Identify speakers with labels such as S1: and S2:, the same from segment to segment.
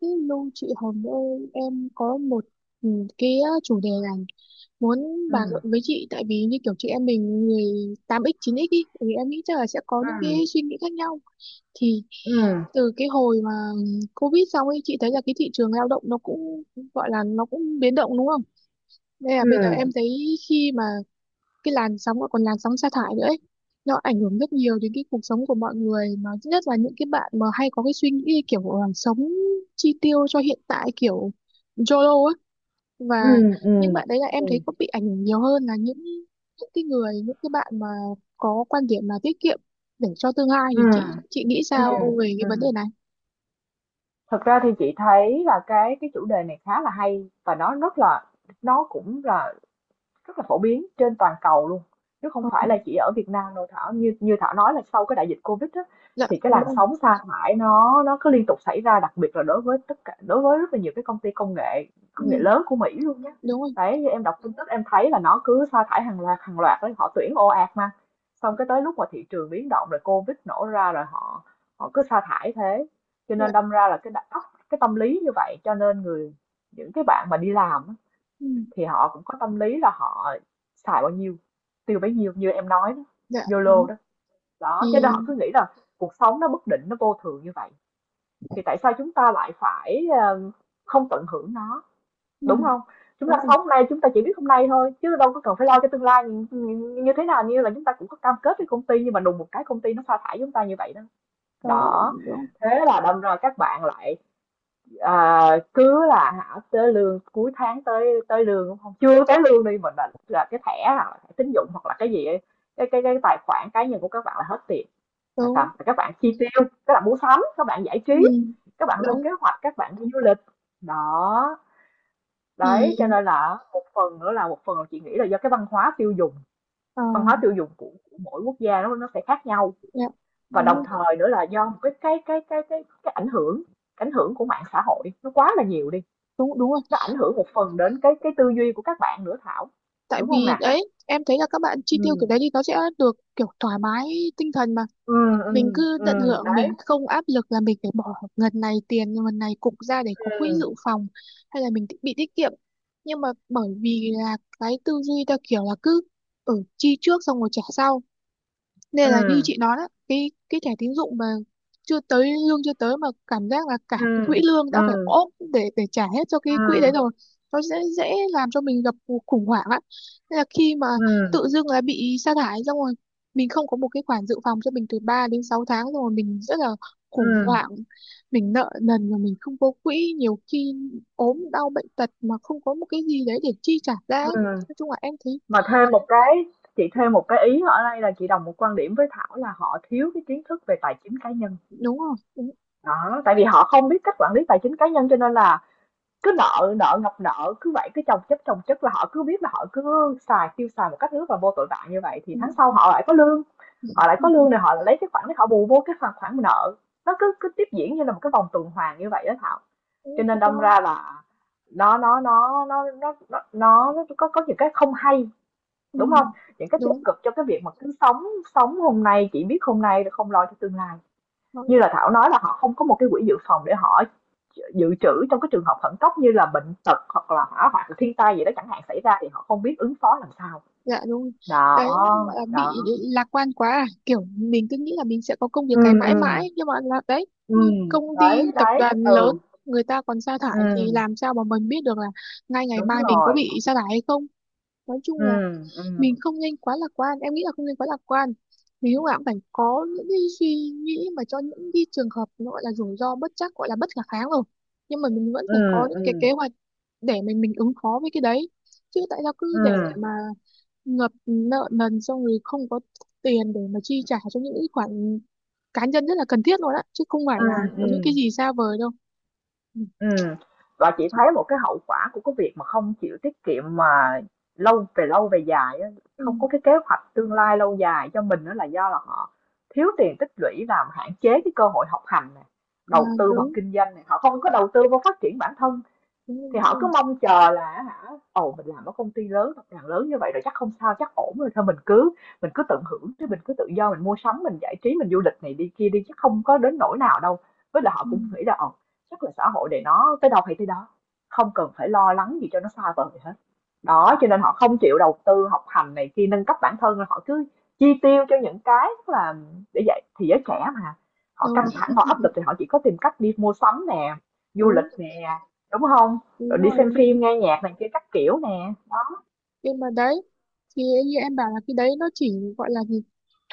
S1: Cái Lưu chị Hồng ơi, em có một, ừ, cái chủ đề là muốn bàn luận
S2: Ừm,
S1: với chị. Tại vì như kiểu chị em mình người 8x 9x ý, thì em nghĩ chắc là sẽ có những cái
S2: ừm,
S1: suy nghĩ khác nhau. Thì
S2: ừm,
S1: từ cái hồi mà Covid xong ấy, chị thấy là cái thị trường lao động nó cũng gọi là nó cũng biến động đúng không? Đây là bây giờ
S2: ừm,
S1: em thấy khi mà cái làn sóng, và còn làn sóng sa thải nữa ấy. Nó ảnh hưởng rất nhiều đến cái cuộc sống của mọi người, mà nhất là những cái bạn mà hay có cái suy nghĩ kiểu là sống chi tiêu cho hiện tại kiểu YOLO á. Và
S2: ừm,
S1: những
S2: ừm,
S1: bạn đấy là em thấy
S2: ừm,
S1: có bị ảnh hưởng nhiều hơn là những cái người những cái bạn mà có quan điểm là tiết kiệm để cho tương lai. Thì
S2: ừm,
S1: chị nghĩ sao
S2: ừm,
S1: về cái vấn đề
S2: ừm.
S1: này?
S2: Thật ra thì chị thấy là cái chủ đề này khá là hay và nó cũng là rất là phổ biến trên toàn cầu luôn, chứ không
S1: Ờ,
S2: phải là chỉ ở Việt Nam đâu Thảo. Như như Thảo nói là sau cái đại dịch Covid á,
S1: dạ
S2: thì cái
S1: đúng
S2: làn
S1: rồi.
S2: sóng sa thải nó cứ liên tục xảy ra, đặc biệt là đối với rất là nhiều cái công ty công nghệ
S1: Ừ,
S2: lớn của Mỹ luôn nhé.
S1: đúng rồi.
S2: Đấy, như em đọc tin tức em thấy là nó cứ sa thải hàng loạt đấy, họ tuyển ồ ạt mà. Xong cái tới lúc mà thị trường biến động rồi Covid nổ ra rồi họ họ cứ sa thải thế. Cho
S1: Dạ,
S2: nên đâm ra là cái tâm lý như vậy, cho nên những cái bạn mà đi làm á,
S1: ừ,
S2: thì họ cũng có tâm lý là họ xài bao nhiêu tiêu bấy nhiêu như em nói đó,
S1: dạ đúng.
S2: YOLO đó.
S1: Thì
S2: Đó cho nên họ cứ nghĩ là cuộc sống nó bất định, nó vô thường như vậy, thì tại sao chúng ta lại phải không tận hưởng nó,
S1: ừ,
S2: đúng không? Chúng ta
S1: đúng rồi.
S2: sống hôm nay, chúng ta chỉ biết hôm nay thôi, chứ đâu có cần phải lo cái tương lai như thế nào. Như là chúng ta cũng có cam kết với công ty, nhưng mà đùng một cái công ty nó sa thải chúng ta như vậy đó,
S1: Đó,
S2: đó
S1: đúng.
S2: thế là đâm ra các bạn lại cứ là hả tới lương cuối tháng, tới tới lương, đúng không, chưa tới lương đi mình là cái thẻ, là thẻ tín dụng hoặc là cái gì ấy, cái tài khoản cá nhân của các bạn là hết tiền, là sao
S1: Đúng.
S2: là các bạn chi tiêu, các bạn mua sắm, các bạn giải trí,
S1: Ừ,
S2: các bạn lên
S1: đúng
S2: kế hoạch, các bạn đi du lịch đó.
S1: thì
S2: Đấy cho nên là một phần nữa, là một phần là chị nghĩ là do cái văn hóa tiêu dùng,
S1: ờ,
S2: của mỗi quốc gia nó sẽ khác nhau,
S1: dạ,
S2: và
S1: đúng
S2: đồng
S1: rồi,
S2: thời nữa là do một cái ảnh hưởng, của mạng xã hội nó quá là nhiều đi,
S1: đúng, đúng rồi.
S2: nó ảnh hưởng một phần đến cái tư duy của các bạn nữa Thảo,
S1: Tại
S2: đúng không
S1: vì
S2: nè?
S1: đấy em thấy là các bạn chi tiêu kiểu
S2: Ừm,
S1: đấy thì nó sẽ được kiểu thoải mái tinh thần, mà mình cứ tận hưởng,
S2: đấy,
S1: mình không áp lực là mình phải bỏ ngần này tiền ngần này cục ra để có quỹ
S2: ừm,
S1: dự phòng hay là mình ti- bị tiết kiệm. Nhưng mà bởi vì là cái tư duy ta kiểu là cứ ở chi trước xong rồi trả sau, nên là như
S2: ừm,
S1: chị nói đó, cái thẻ tín dụng mà chưa tới lương, chưa tới mà cảm giác là cả cái
S2: ừm,
S1: quỹ lương đã phải
S2: ừm,
S1: ốp để trả hết cho cái quỹ
S2: ừm,
S1: đấy rồi. Nó sẽ dễ làm cho mình gặp cuộc khủng hoảng á. Nên là khi mà
S2: ừm,
S1: tự dưng là bị sa thải xong rồi, mình không có một cái khoản dự phòng cho mình từ 3 đến 6 tháng, xong rồi mình rất là khủng
S2: ừm,
S1: hoảng, mình nợ nần mà mình không có quỹ, nhiều khi ốm đau bệnh tật mà không có một cái gì đấy để chi trả ra ấy.
S2: ừm.
S1: Nói chung là em thấy
S2: Mà thêm một cái Chị thêm một cái ý ở đây là chị đồng một quan điểm với Thảo là họ thiếu cái kiến thức về tài chính cá nhân.
S1: đúng rồi, đúng,
S2: Đó, tại vì họ không biết cách quản lý tài chính cá nhân cho nên là cứ nợ nợ ngập nợ, cứ vậy cứ chồng chất, chồng chất, là họ cứ biết là họ cứ xài, tiêu xài một cách rất là vô tội vạ như vậy, thì tháng
S1: đúng,
S2: sau họ lại có lương, họ lại có
S1: đúng,
S2: lương rồi họ lại lấy cái khoản để họ bù vô cái khoản khoản nợ. Nó cứ cứ tiếp diễn như là một cái vòng tuần hoàn như vậy đó Thảo.
S1: đúng,
S2: Cho nên
S1: đúng,
S2: đâm
S1: đúng,
S2: ra là nó nó nó nó nó có những cái không hay,
S1: ừ,
S2: đúng không? Những cái tiêu
S1: đúng.
S2: cực trong cái việc mà cứ sống sống hôm nay chỉ biết hôm nay, rồi không lo cho tương lai,
S1: Thôi,
S2: như là Thảo nói là họ không có một cái quỹ dự phòng để họ dự trữ trong cái trường hợp khẩn cấp, như là bệnh tật hoặc là hỏa hoạn, thiên tai gì đó chẳng hạn xảy ra, thì họ không biết ứng phó làm sao.
S1: dạ đúng rồi.
S2: Đó,
S1: Đấy, gọi là
S2: đó,
S1: bị lạc quan quá à, kiểu mình cứ nghĩ là mình sẽ có công việc
S2: ừ,
S1: cái mãi
S2: ừ,
S1: mãi, nhưng mà là đấy,
S2: ừ,
S1: như công
S2: đấy,
S1: ty tập
S2: đấy,
S1: đoàn
S2: ừ,
S1: lớn người ta còn sa
S2: ừ,
S1: thải, thì làm sao mà mình biết được là ngay ngày
S2: đúng
S1: mai mình có
S2: rồi,
S1: bị sa thải hay không. Nói
S2: ừ,
S1: chung là
S2: ừ,
S1: mình không nên quá lạc quan, em nghĩ là không nên quá lạc quan. Mình lúc nào cũng phải có những cái suy nghĩ mà cho những cái trường hợp nó gọi là rủi ro bất trắc, gọi là bất khả kháng rồi, nhưng mà mình vẫn
S2: ừ,
S1: phải có những
S2: ừ,
S1: cái kế hoạch để mình ứng phó với cái đấy. Chứ tại sao
S2: ừ,
S1: cứ để mà ngập nợ nần xong rồi không có tiền để mà chi trả cho những cái khoản cá nhân rất là cần thiết luôn á, chứ không phải
S2: ừ,
S1: là
S2: ừ.
S1: những cái gì xa vời đâu. Ừ.
S2: Ừm, và chị thấy một cái hậu quả của cái việc mà không chịu tiết kiệm mà về lâu về dài á,
S1: Ừ.
S2: không có cái kế hoạch tương lai lâu dài cho mình, đó là do là họ thiếu tiền tích lũy, làm hạn chế cái cơ hội học hành này,
S1: À,
S2: đầu tư hoặc
S1: đúng,
S2: kinh doanh này, họ không có đầu tư vào phát triển bản thân,
S1: đúng,
S2: thì
S1: đúng,
S2: họ cứ
S1: đúng.
S2: mong chờ là hả, ồ mình làm ở công ty lớn, tập đoàn lớn như vậy rồi chắc không sao, chắc ổn rồi, thôi mình cứ tận hưởng chứ, mình cứ tự do, mình mua sắm, mình giải trí, mình du lịch này đi kia đi, chắc không có đến nỗi nào đâu. Với là họ cũng nghĩ là ồ, chắc là xã hội để nó tới đâu hay tới đó, không cần phải lo lắng gì cho nó xa vời hết. Đó, cho nên họ không chịu đầu tư học hành này kia, nâng cấp bản thân, họ cứ chi tiêu cho những cái là, để vậy thì giới trẻ mà họ
S1: Đúng,
S2: căng thẳng, họ áp lực thì họ chỉ có tìm cách đi mua sắm nè, du lịch
S1: đúng,
S2: nè, đúng không, rồi
S1: đúng
S2: đi
S1: rồi.
S2: xem phim, nghe nhạc này kia các kiểu nè, đó.
S1: Nhưng mà đấy, thì như em bảo là cái đấy nó chỉ gọi là gì,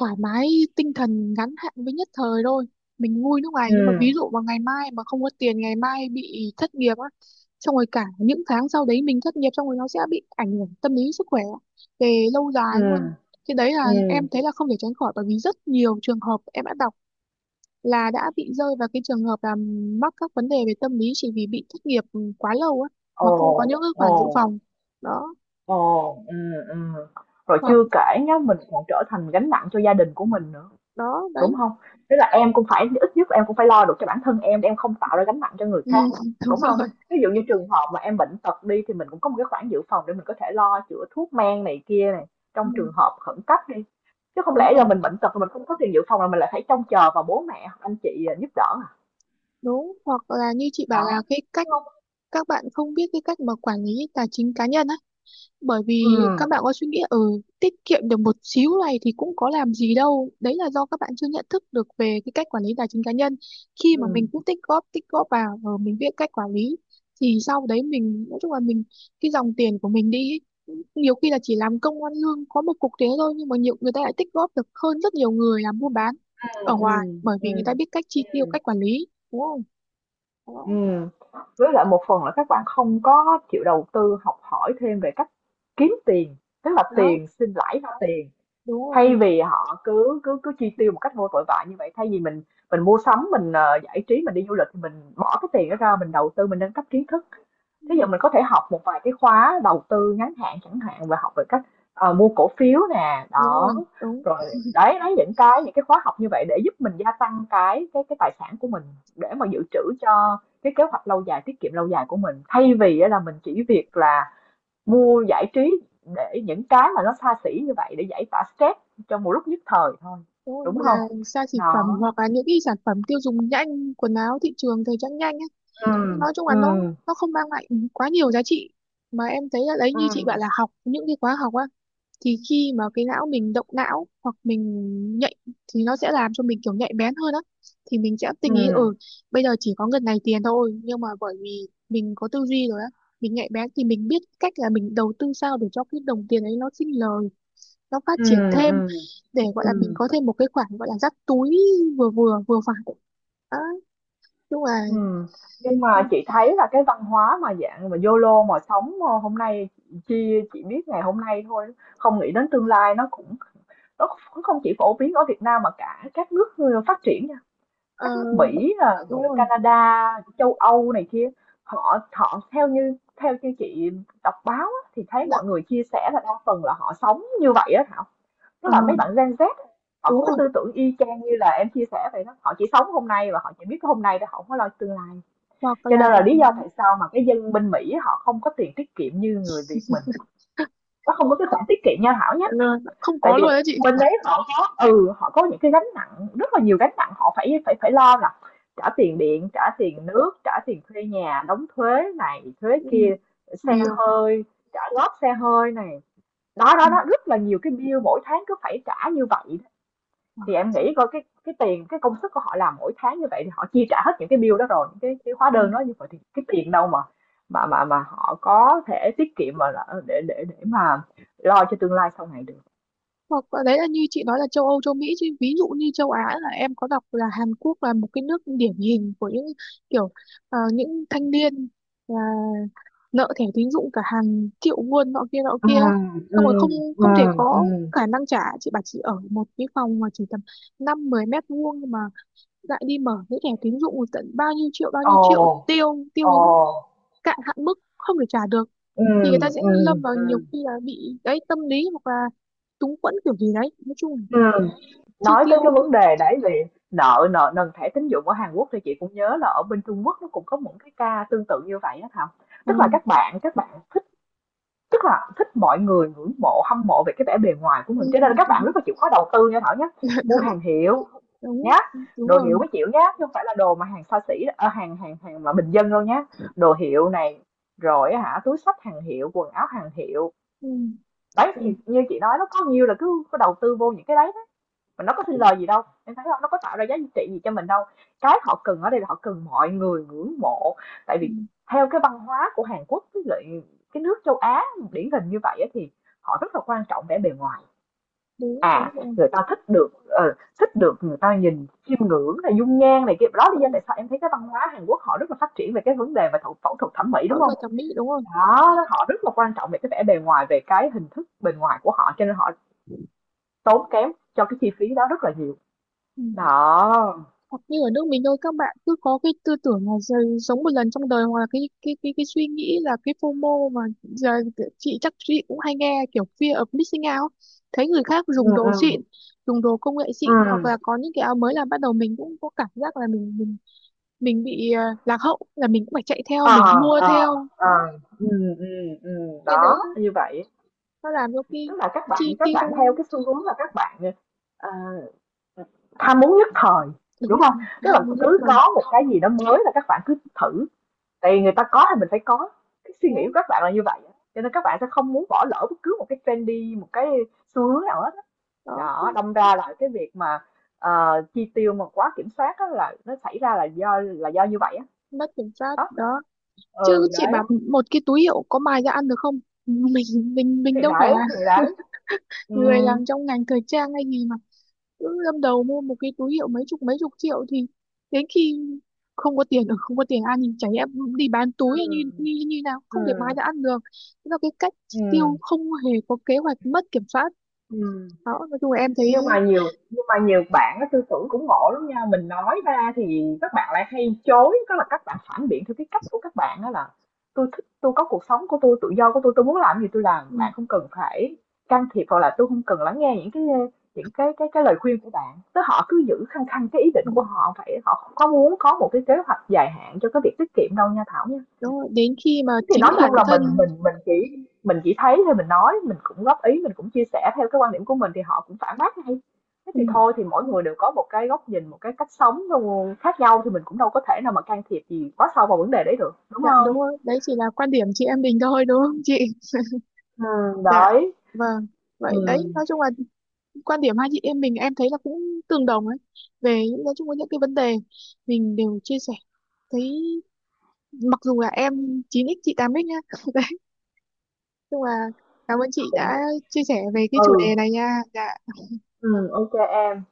S1: thoải mái tinh thần ngắn hạn với nhất thời thôi. Mình vui lúc này nhưng mà
S2: Ừm,
S1: ví dụ vào ngày mai mà không có tiền, ngày mai bị thất nghiệp á, xong rồi cả những tháng sau đấy mình thất nghiệp, xong rồi nó sẽ bị ảnh hưởng tâm lý sức khỏe về lâu dài luôn.
S2: ừm,
S1: Cái đấy là
S2: ừm.
S1: em thấy là không thể tránh khỏi, bởi vì rất nhiều trường hợp em đã đọc là đã bị rơi vào cái trường hợp là mắc các vấn đề về tâm lý chỉ vì bị thất nghiệp, ừ, quá lâu á,
S2: Ồ,
S1: mà không có những cái
S2: ồ,
S1: khoản dự phòng đó.
S2: ồ, ừm. Rồi
S1: Hoặc
S2: chưa kể nhá, mình còn trở thành gánh nặng cho gia đình của mình nữa,
S1: đó
S2: đúng
S1: đấy.
S2: không? Tức là em cũng phải, ít nhất em cũng phải lo được cho bản thân em, để em không tạo ra gánh nặng cho người
S1: Ừ.
S2: khác, đúng không? Ví dụ như trường hợp mà em bệnh tật đi, thì mình cũng có một cái khoản dự phòng để mình có thể lo chữa thuốc men này kia này,
S1: Ừ,
S2: trong trường hợp khẩn cấp đi. Chứ không
S1: đúng
S2: lẽ giờ
S1: rồi,
S2: mình bệnh tật mà mình không có tiền dự phòng là mình lại phải trông chờ vào bố mẹ hoặc anh chị giúp đỡ.
S1: đúng. Hoặc là như chị bảo
S2: Đó,
S1: là cái
S2: đúng
S1: cách
S2: không,
S1: các bạn không biết cái cách mà quản lý tài chính cá nhân á. Bởi
S2: ừ,
S1: vì các bạn có suy nghĩ ở tiết kiệm được một xíu này thì cũng có làm gì đâu, đấy là do các bạn chưa nhận thức được về cái cách quản lý tài chính cá nhân. Khi mà mình
S2: ừ,
S1: cũng tích góp vào rồi mình biết cách quản lý, thì sau đấy mình nói chung là mình, cái dòng tiền của mình đi ý, nhiều khi là chỉ làm công ăn lương có một cục thế thôi, nhưng mà nhiều người ta lại tích góp được hơn rất nhiều người làm buôn bán
S2: ừ,
S1: ở
S2: ừ,
S1: ngoài, bởi
S2: ừ,
S1: vì người ta biết cách chi tiêu,
S2: ừ,
S1: cách quản lý, đúng không? Đó,
S2: ừm. Với lại một phần là các bạn không có chịu đầu tư học hỏi thêm về cách kiếm tiền, tức là
S1: đó,
S2: tiền sinh lãi ra tiền.
S1: đúng
S2: Thay
S1: rồi.
S2: vì họ cứ cứ cứ chi tiêu một cách vô tội vạ như vậy, thay vì mình mua sắm, mình giải trí, mình đi du lịch, thì mình bỏ cái tiền đó ra mình đầu tư, mình nâng cấp kiến thức,
S1: Ừ,
S2: thí dụ mình có thể học một vài cái khóa đầu tư ngắn hạn chẳng hạn, và học về cách mua cổ phiếu nè,
S1: đúng
S2: đó
S1: rồi, đúng.
S2: rồi, đấy đấy, những cái khóa học như vậy để giúp mình gia tăng cái tài sản của mình, để mà dự trữ cho cái kế hoạch lâu dài, tiết kiệm lâu dài của mình, thay vì á là mình chỉ việc là mua giải trí, để những cái mà nó xa xỉ như vậy để giải tỏa stress trong một lúc nhất thời thôi,
S1: Đúng rồi,
S2: đúng
S1: một
S2: không?
S1: là xa xỉ phẩm
S2: Đó,
S1: hoặc là những cái sản phẩm tiêu dùng nhanh, quần áo thị trường thời trang nhanh ấy.
S2: ừm,
S1: Nói chung là nó
S2: ừm,
S1: nó không mang lại quá nhiều giá trị, mà em thấy là đấy như chị bảo
S2: ừm,
S1: là học những cái khóa học á, thì khi mà cái não mình động não hoặc mình nhạy, thì nó sẽ làm cho mình kiểu nhạy bén hơn á, thì mình sẽ tinh ý.
S2: ừm,
S1: Ừ, bây giờ chỉ có ngần này tiền thôi, nhưng mà bởi vì mình có tư duy rồi á, mình nhạy bén thì mình biết cách là mình đầu tư sao để cho cái đồng tiền ấy nó sinh lời, nó phát triển
S2: ừm,
S1: thêm,
S2: ừm,
S1: để gọi là mình
S2: ừm,
S1: có thêm một cái khoản gọi là dắt túi vừa vừa vừa phải. Đó, đúng là
S2: ừm. Nhưng mà chị thấy là cái văn hóa mà dạng mà YOLO mà sống, hôm nay chị biết ngày hôm nay thôi, không nghĩ đến tương lai, nó cũng nó kh không chỉ phổ biến ở Việt Nam mà cả các nước phát triển,
S1: ờ,
S2: các nước Mỹ, à,
S1: đúng rồi.
S2: Canada, châu Âu này kia, họ họ theo như chị đọc báo á, thì thấy
S1: Dạ,
S2: mọi người chia sẻ là đa phần là họ sống như vậy á Thảo. Tức
S1: ờ,
S2: là mấy bạn Gen Z họ
S1: đúng
S2: có cái
S1: rồi.
S2: tư tưởng y chang như là em chia sẻ vậy đó. Họ chỉ sống hôm nay và họ chỉ biết cái hôm nay thôi, họ không có lo tương lai.
S1: Hoặc
S2: Cho
S1: là
S2: nên là lý do tại sao mà cái dân bên Mỹ họ không có tiền tiết kiệm như người Việt mình. Nó không có cái khoản tiết kiệm nha Thảo nhé,
S1: là không
S2: tại
S1: có
S2: vì
S1: luôn đó chị.
S2: bên đấy họ có, ừ họ có những cái gánh nặng, rất là nhiều gánh nặng họ phải phải phải lo, là trả tiền điện, trả tiền nước, trả tiền thuê nhà, đóng thuế này thuế
S1: Ừ,
S2: kia, xe
S1: nhiều.
S2: hơi, trả góp xe hơi này, đó đó
S1: Ừ.
S2: đó, rất là nhiều cái bill mỗi tháng cứ phải trả như vậy đó. Thì em nghĩ coi cái tiền, cái công sức của họ làm mỗi tháng như vậy, thì họ chia trả hết những cái bill đó rồi, những cái hóa
S1: Ừ.
S2: đơn đó, như vậy thì cái tiền đâu mà họ có thể tiết kiệm, mà để mà lo cho tương lai sau này được.
S1: Hoặc là đấy, là như chị nói là châu Âu châu Mỹ, chứ ví dụ như châu Á là em có đọc là Hàn Quốc là một cái nước điển hình của những kiểu những thanh niên là nợ thẻ tín dụng cả hàng triệu won nọ kia ấy.
S2: Ừm,
S1: Xong rồi không,
S2: ừm,
S1: không thể
S2: ừm,
S1: có
S2: ừm.
S1: khả năng trả. Chị bảo chị ở một cái phòng mà chỉ tầm năm mười mét vuông, nhưng mà lại đi mở cái thẻ tín dụng tận bao nhiêu triệu bao nhiêu
S2: Ồ,
S1: triệu, tiêu tiêu
S2: ồ.
S1: đến cạn hạn mức không thể trả được, thì người ta
S2: Ừm,
S1: sẽ lâm vào nhiều
S2: Ừm.
S1: khi là bị đấy tâm lý hoặc là túng quẫn kiểu gì đấy. Nói chung là
S2: Ừm.
S1: chi
S2: Nói tới
S1: tiêu.
S2: cái vấn đề đấy về nợ nợ nần thẻ tín dụng ở Hàn Quốc thì chị cũng nhớ là ở bên Trung Quốc nó cũng có những cái ca tương tự như vậy á Thảo.
S1: Ừ.
S2: Tức là các bạn Tức là thích mọi người ngưỡng mộ, hâm mộ về cái vẻ bề ngoài của
S1: Ừ.
S2: mình, cho nên là các bạn
S1: Ừ,
S2: rất là chịu khó đầu tư nha Thảo nhé, mua hàng hiệu
S1: đúng,
S2: nhé,
S1: đúng
S2: đồ hiệu
S1: rồi.
S2: mới chịu nhé, chứ hông phải là đồ mà hàng xa xỉ, hàng hàng hàng mà bình dân đâu nhé. Đồ hiệu này, rồi hả túi xách hàng hiệu, quần áo hàng hiệu.
S1: Ừ.
S2: Đấy,
S1: Ừ.
S2: thì như chị nói nó có nhiều là cứ có đầu tư vô những cái đấy mà nó có xin lời gì đâu, em thấy hông? Nó có tạo ra giá trị gì cho mình đâu. Cái họ cần ở đây là họ cần mọi người ngưỡng mộ, tại
S1: Ừ.
S2: vì theo cái văn hóa của Hàn Quốc với lại cái nước châu Á điển hình như vậy á, thì họ rất là quan trọng vẻ bề ngoài.
S1: Đúng, đúng
S2: À,
S1: rồi.
S2: người ta thích được thích được người ta nhìn, chiêm ngưỡng này, dung nhan này kia. Đó lý
S1: Ừ.
S2: do tại sao em thấy cái văn hóa Hàn Quốc họ rất là phát triển về cái vấn đề về phẫu thuật thẩm mỹ, đúng
S1: Phẫu
S2: không?
S1: thuật thẩm mỹ, đúng rồi.
S2: Đó, họ rất là quan trọng về cái vẻ bề ngoài, về cái hình thức bề ngoài của họ, cho nên họ tốn kém cho cái chi phí đó rất là nhiều.
S1: Ừ.
S2: Đó.
S1: Hoặc như ở nước mình thôi, các bạn cứ có cái tư tưởng là giờ- sống một lần trong đời, hoặc là cái suy nghĩ là cái FOMO mà giờ chị chắc chị cũng hay nghe, kiểu fear of missing out, thấy người khác
S2: Ừ,
S1: dùng đồ
S2: ừ,
S1: xịn, dùng đồ công nghệ
S2: ừ.
S1: xịn, hoặc là có những cái áo mới là bắt đầu mình cũng có cảm giác là mình mình bị lạc hậu, là mình cũng phải chạy theo,
S2: Ờ,
S1: mình mua
S2: ờ,
S1: theo
S2: ờ.
S1: đó.
S2: Ừ, ừ, ừ,
S1: Cái đấy
S2: đó, như vậy.
S1: nó làm cho
S2: Tức
S1: khi
S2: là các bạn
S1: chi
S2: các
S1: tiêu,
S2: bạn theo cái xu hướng là các bạn, ờ, ham muốn nhất thời,
S1: đúng
S2: đúng
S1: rồi,
S2: không? Tức là
S1: ham muốn nhất
S2: cứ
S1: thời.
S2: có một cái gì đó mới là các bạn cứ thử, tại vì người ta có thì mình phải có, cái suy nghĩ
S1: Đó,
S2: của các bạn là như vậy á, cho nên các bạn sẽ không muốn bỏ lỡ bất cứ một cái trendy, một cái xu hướng nào hết á.
S1: đó,
S2: Đó, đâm ra là cái việc mà, chi tiêu mà quá kiểm soát á là nó xảy ra là do như vậy á.
S1: mất kiểm soát
S2: Đó,
S1: đó. Chứ
S2: ừ,
S1: chị
S2: đấy.
S1: bảo, một cái túi hiệu có mài ra ăn được không? Mình mình mình
S2: Thì
S1: đâu phải
S2: đấy,
S1: là
S2: thì đấy.
S1: người
S2: Ừm.
S1: làm trong ngành thời trang hay gì mà cứ lâm đầu mua một cái túi hiệu mấy chục triệu. Thì đến khi không có tiền ở, không có tiền ăn, thì chả lẽ đi bán túi hay như
S2: Ừm,
S1: như như nào, không thể mài
S2: ừm,
S1: ra ăn được. Thế là cái cách tiêu
S2: ừm,
S1: không hề có kế hoạch, mất kiểm soát
S2: ừm.
S1: đó. Nói chung là em thấy
S2: Nhưng mà nhiều bạn á tư tưởng cũng ngộ lắm nha, mình nói ra thì các bạn lại hay chối, tức là các bạn phản biện theo cái cách của các bạn đó là tôi thích tôi có cuộc sống của tôi tự do của tôi muốn làm gì tôi làm,
S1: ừ,
S2: bạn không cần phải can thiệp hoặc là tôi không cần lắng nghe những cái lời khuyên của bạn." Tức họ cứ giữ khăng khăng cái ý định
S1: ừ,
S2: của họ vậy, họ không có muốn có một cái kế hoạch dài hạn cho cái việc tiết kiệm đâu nha Thảo nha.
S1: đúng rồi. Đến khi mà
S2: Thì nói
S1: chính bản
S2: chung là mình
S1: thân
S2: mình mình chỉ mình chỉ thấy thôi mình nói, mình cũng góp ý, mình cũng chia sẻ theo cái quan điểm của mình thì họ cũng phản bác ngay. Thế
S1: ừ,
S2: thì thôi thì mỗi người đều có một cái góc nhìn, một cái cách sống luôn khác nhau thì mình cũng đâu có thể nào mà can thiệp gì quá sâu vào vấn đề đấy được, đúng
S1: dạ đúng
S2: không?
S1: rồi. Đấy chỉ là quan điểm chị em mình thôi đúng không chị?
S2: Ừ,
S1: Dạ,
S2: đấy,
S1: vâng.
S2: ừ,
S1: Vậy đấy, nói chung là quan điểm hai chị em mình em thấy là cũng tương đồng ấy. Về những, nói chung với những cái vấn đề mình đều chia sẻ. Thấy mặc dù là em chín x chị tám x nhá. Đấy, nhưng mà cảm ơn chị đã chia sẻ về cái chủ đề
S2: ừ,
S1: này nha. Dạ.
S2: ừ, ok em.